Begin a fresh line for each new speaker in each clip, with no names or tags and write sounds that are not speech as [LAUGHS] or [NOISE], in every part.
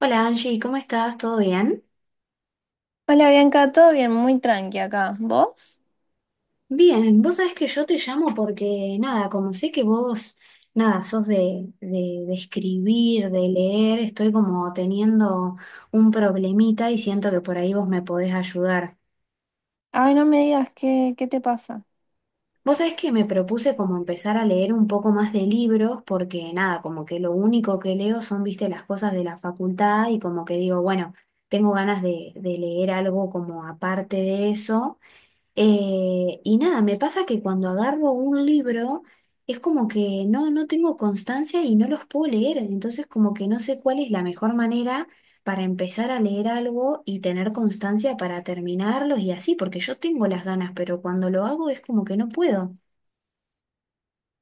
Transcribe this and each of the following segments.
Hola Angie, ¿cómo estás? ¿Todo bien?
Hola Bianca, todo bien, muy tranqui acá. ¿Vos?
Bien, vos sabés que yo te llamo porque, nada, como sé que vos, nada, sos de escribir, de leer, estoy como teniendo un problemita y siento que por ahí vos me podés ayudar.
Ay, no me digas qué, qué te pasa.
Vos sabés que me propuse como empezar a leer un poco más de libros porque, nada, como que lo único que leo son, viste, las cosas de la facultad y como que digo, bueno, tengo ganas de leer algo como aparte de eso. Y nada, me pasa que cuando agarro un libro es como que no tengo constancia y no los puedo leer, entonces como que no sé cuál es la mejor manera para empezar a leer algo y tener constancia para terminarlos y así, porque yo tengo las ganas, pero cuando lo hago es como que no puedo.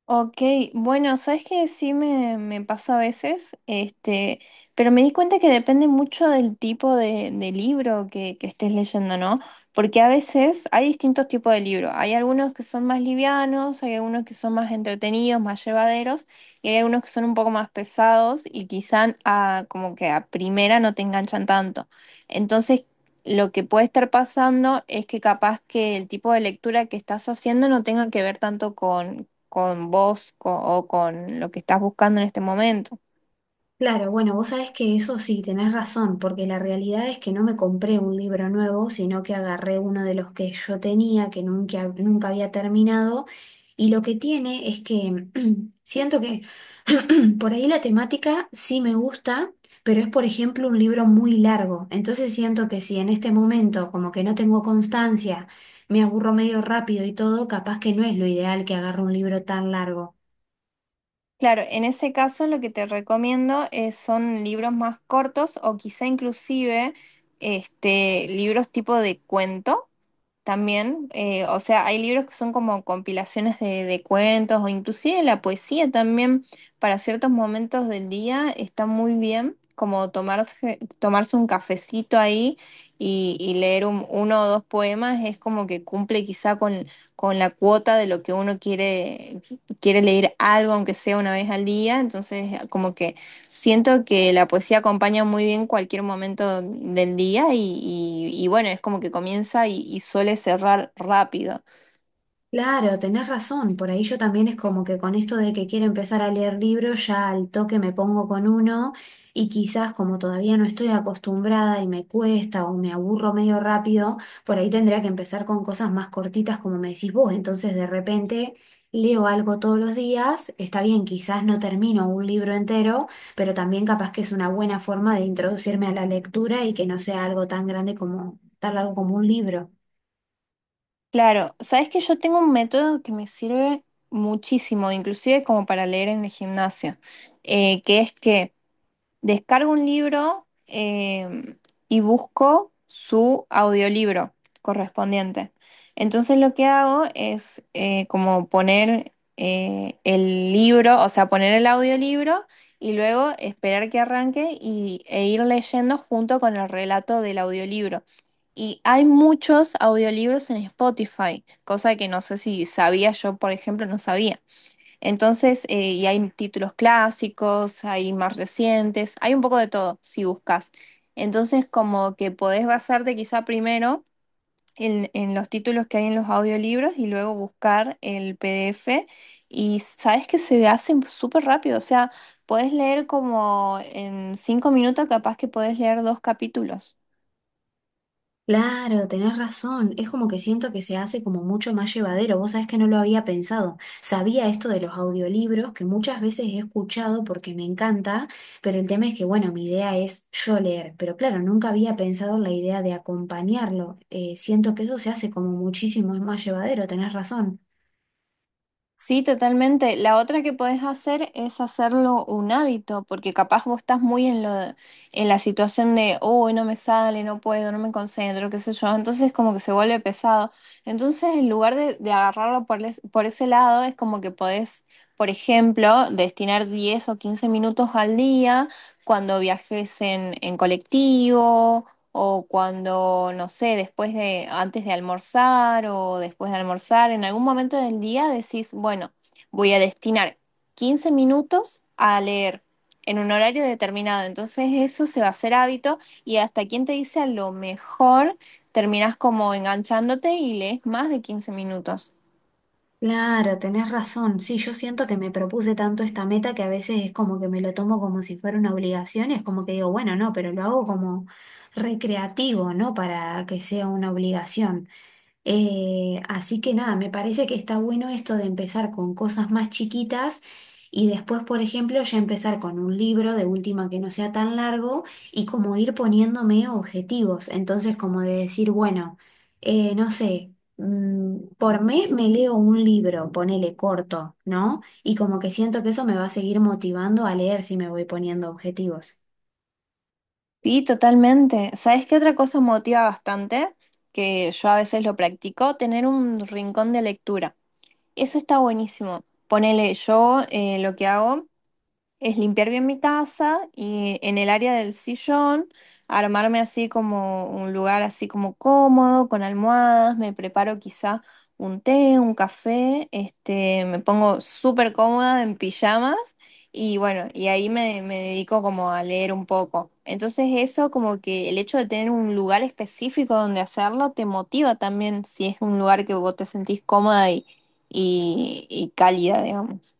Ok, bueno, sabes que sí me pasa a veces, este, pero me di cuenta que depende mucho del tipo de libro que estés leyendo, ¿no? Porque a veces hay distintos tipos de libros. Hay algunos que son más livianos, hay algunos que son más entretenidos, más llevaderos, y hay algunos que son un poco más pesados y quizá como que a primera no te enganchan tanto. Entonces, lo que puede estar pasando es que capaz que el tipo de lectura que estás haciendo no tenga que ver tanto con vos o con lo que estás buscando en este momento.
Claro, bueno, vos sabés que eso sí, tenés razón, porque la realidad es que no me compré un libro nuevo, sino que agarré uno de los que yo tenía, que nunca había terminado, y lo que tiene es que [CLEARS THROAT] siento que [CLEARS THROAT] por ahí la temática sí me gusta, pero es por ejemplo un libro muy largo, entonces siento que si en este momento como que no tengo constancia, me aburro medio rápido y todo, capaz que no es lo ideal que agarre un libro tan largo.
Claro, en ese caso lo que te recomiendo son libros más cortos o quizá inclusive este, libros tipo de cuento. También, o sea, hay libros que son como compilaciones de cuentos o inclusive la poesía también para ciertos momentos del día está muy bien, como tomarse un cafecito ahí y leer uno o dos poemas es como que cumple quizá con la cuota de lo que uno quiere, quiere leer algo, aunque sea una vez al día, entonces como que siento que la poesía acompaña muy bien cualquier momento del día y bueno, es como que comienza y suele cerrar rápido.
Claro, tenés razón. Por ahí yo también es como que con esto de que quiero empezar a leer libros, ya al toque me pongo con uno y quizás como todavía no estoy acostumbrada y me cuesta o me aburro medio rápido, por ahí tendría que empezar con cosas más cortitas como me decís vos. Entonces de repente leo algo todos los días. Está bien, quizás no termino un libro entero, pero también capaz que es una buena forma de introducirme a la lectura y que no sea algo tan grande como, tan largo como un libro.
Claro, sabes que yo tengo un método que me sirve muchísimo, inclusive como para leer en el gimnasio, que es que descargo un libro y busco su audiolibro correspondiente. Entonces lo que hago es como poner el libro, o sea, poner el audiolibro y luego esperar que arranque e ir leyendo junto con el relato del audiolibro. Y hay muchos audiolibros en Spotify, cosa que no sé si sabía yo, por ejemplo, no sabía. Entonces, y hay títulos clásicos, hay más recientes, hay un poco de todo si buscas. Entonces, como que podés basarte quizá primero en los títulos que hay en los audiolibros y luego buscar el PDF. Y sabes que se hacen súper rápido, o sea, podés leer como en cinco minutos, capaz que podés leer dos capítulos.
Claro, tenés razón. Es como que siento que se hace como mucho más llevadero. Vos sabés que no lo había pensado. Sabía esto de los audiolibros que muchas veces he escuchado porque me encanta, pero el tema es que, bueno, mi idea es yo leer. Pero claro, nunca había pensado en la idea de acompañarlo. Siento que eso se hace como muchísimo más llevadero. Tenés razón.
Sí, totalmente. La otra que podés hacer es hacerlo un hábito, porque capaz vos estás muy en lo, en la situación de, oh, no me sale, no puedo, no me concentro, qué sé yo. Entonces como que se vuelve pesado. Entonces en lugar de agarrarlo por ese lado, es como que podés, por ejemplo, destinar 10 o 15 minutos al día cuando viajes en colectivo o cuando, no sé, después de, antes de almorzar o después de almorzar, en algún momento del día decís, bueno, voy a destinar 15 minutos a leer en un horario determinado. Entonces eso se va a hacer hábito y hasta quien te dice a lo mejor terminas como enganchándote y lees más de 15 minutos.
Claro, tenés razón. Sí, yo siento que me propuse tanto esta meta que a veces es como que me lo tomo como si fuera una obligación, es como que digo, bueno, no, pero lo hago como recreativo, no para que sea una obligación. Así que nada, me parece que está bueno esto de empezar con cosas más chiquitas y después, por ejemplo, ya empezar con un libro de última que no sea tan largo y como ir poniéndome objetivos. Entonces, como de decir, bueno, no sé, por mes me leo un libro, ponele corto, ¿no? Y como que siento que eso me va a seguir motivando a leer si me voy poniendo objetivos.
Sí, totalmente. ¿Sabes qué otra cosa motiva bastante? Que yo a veces lo practico, tener un rincón de lectura. Eso está buenísimo. Ponele, yo lo que hago es limpiar bien mi casa y en el área del sillón armarme así como un lugar así como cómodo, con almohadas, me preparo quizá un té, un café, este, me pongo súper cómoda en pijamas y bueno, y ahí me dedico como a leer un poco. Entonces eso como que el hecho de tener un lugar específico donde hacerlo te motiva también si es un lugar que vos te sentís cómoda y cálida, digamos.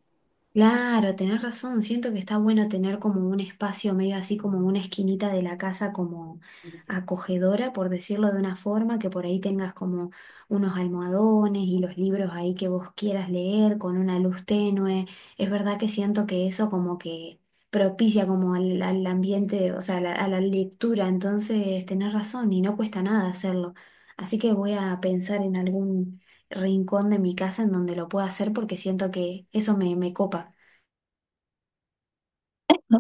Claro, tenés razón. Siento que está bueno tener como un espacio medio así como una esquinita de la casa como acogedora, por decirlo de una forma, que por ahí tengas como unos almohadones y los libros ahí que vos quieras leer con una luz tenue. Es verdad que siento que eso como que propicia como al ambiente, o sea, a la lectura. Entonces, tenés razón y no cuesta nada hacerlo. Así que voy a pensar en algún rincón de mi casa en donde lo pueda hacer porque siento que eso me, me copa.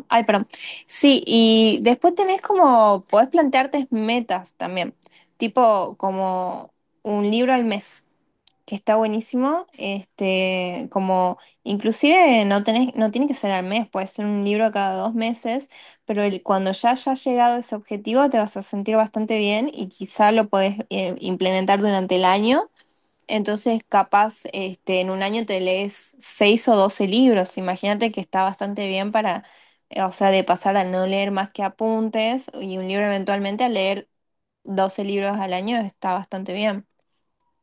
Ay, perdón. Sí, y después tenés como, podés plantearte metas también, tipo como un libro al mes, que está buenísimo, este, como inclusive no tenés, no tiene que ser al mes, puede ser un libro cada dos meses, pero el, cuando ya hayas llegado a ese objetivo te vas a sentir bastante bien y quizá lo podés implementar durante el año entonces, capaz, este, en un año te lees seis o 12 libros. Imagínate que está bastante bien para, o sea, de pasar a no leer más que apuntes y un libro eventualmente a leer 12 libros al año está bastante bien.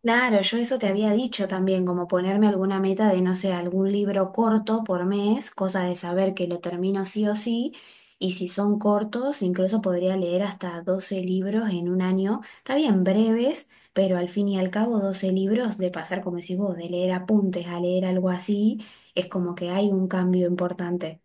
Claro, yo eso te había dicho también, como ponerme alguna meta de, no sé, algún libro corto por mes, cosa de saber que lo termino sí o sí, y si son cortos, incluso podría leer hasta 12 libros en un año, está bien breves, pero al fin y al cabo 12 libros de pasar, como decís vos, de leer apuntes a leer algo así, es como que hay un cambio importante.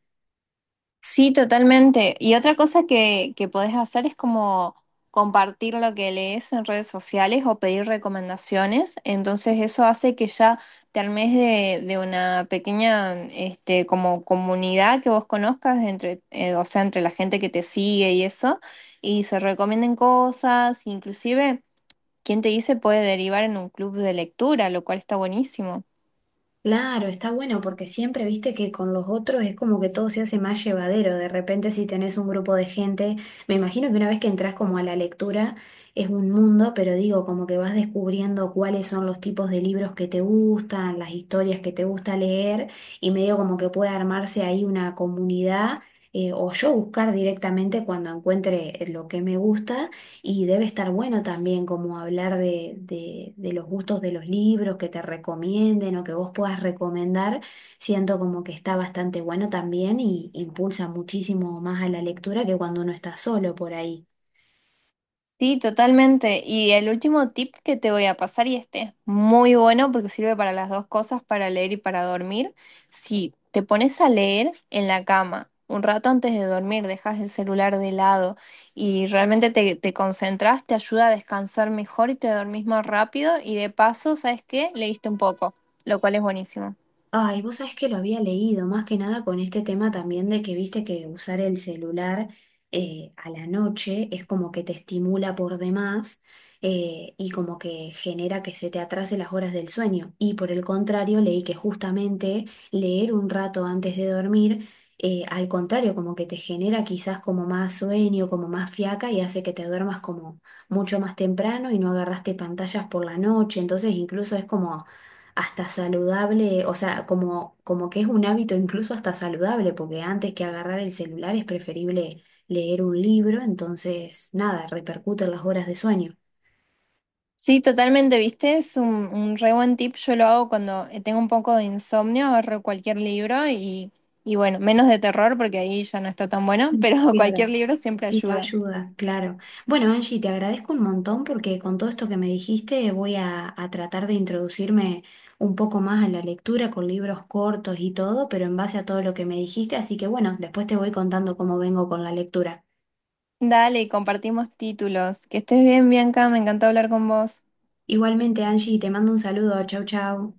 Sí, totalmente. Y otra cosa que podés hacer es como compartir lo que lees en redes sociales o pedir recomendaciones. Entonces eso hace que ya te armes de una pequeña este, como comunidad que vos conozcas entre, o sea, entre la gente que te sigue y eso, y se recomienden cosas, inclusive, quien te dice puede derivar en un club de lectura, lo cual está buenísimo.
Claro, está bueno porque siempre viste que con los otros es como que todo se hace más llevadero. De repente si tenés un grupo de gente, me imagino que una vez que entras como a la lectura es un mundo, pero digo, como que vas descubriendo cuáles son los tipos de libros que te gustan, las historias que te gusta leer y medio como que puede armarse ahí una comunidad o yo buscar directamente cuando encuentre lo que me gusta. Y debe estar bueno también como hablar de los gustos de los libros que te recomienden o que vos puedas recomendar. Siento como que está bastante bueno también y impulsa muchísimo más a la lectura que cuando uno está solo por ahí.
Sí, totalmente. Y el último tip que te voy a pasar, y este es muy bueno porque sirve para las dos cosas, para leer y para dormir. Si te pones a leer en la cama un rato antes de dormir, dejas el celular de lado y realmente te concentras, te ayuda a descansar mejor y te dormís más rápido. Y de paso, ¿sabes qué? Leíste un poco, lo cual es buenísimo.
Ay, vos sabés que lo había leído, más que nada con este tema también de que viste que usar el celular a la noche es como que te estimula por demás y como que genera que se te atrase las horas del sueño. Y por el contrario, leí que justamente leer un rato antes de dormir, al contrario, como que te genera quizás como más sueño, como más fiaca y hace que te duermas como mucho más temprano y no agarraste pantallas por la noche. Entonces incluso es como hasta saludable, o sea, como, como que es un hábito incluso hasta saludable, porque antes que agarrar el celular es preferible leer un libro, entonces nada, repercute en las horas de sueño.
Sí, totalmente, ¿viste? Es un re buen tip. Yo lo hago cuando tengo un poco de insomnio, agarro cualquier libro y bueno, menos de terror porque ahí ya no está tan bueno,
Mm.
pero [LAUGHS] cualquier
Claro.
libro siempre
Sí, te
ayuda.
ayuda, claro. Bueno, Angie, te agradezco un montón porque con todo esto que me dijiste voy a tratar de introducirme un poco más a la lectura con libros cortos y todo, pero en base a todo lo que me dijiste, así que bueno, después te voy contando cómo vengo con la lectura.
Dale, compartimos títulos. Que estés bien, Bianca, me encantó hablar con vos.
Igualmente, Angie, te mando un saludo, chau, chau.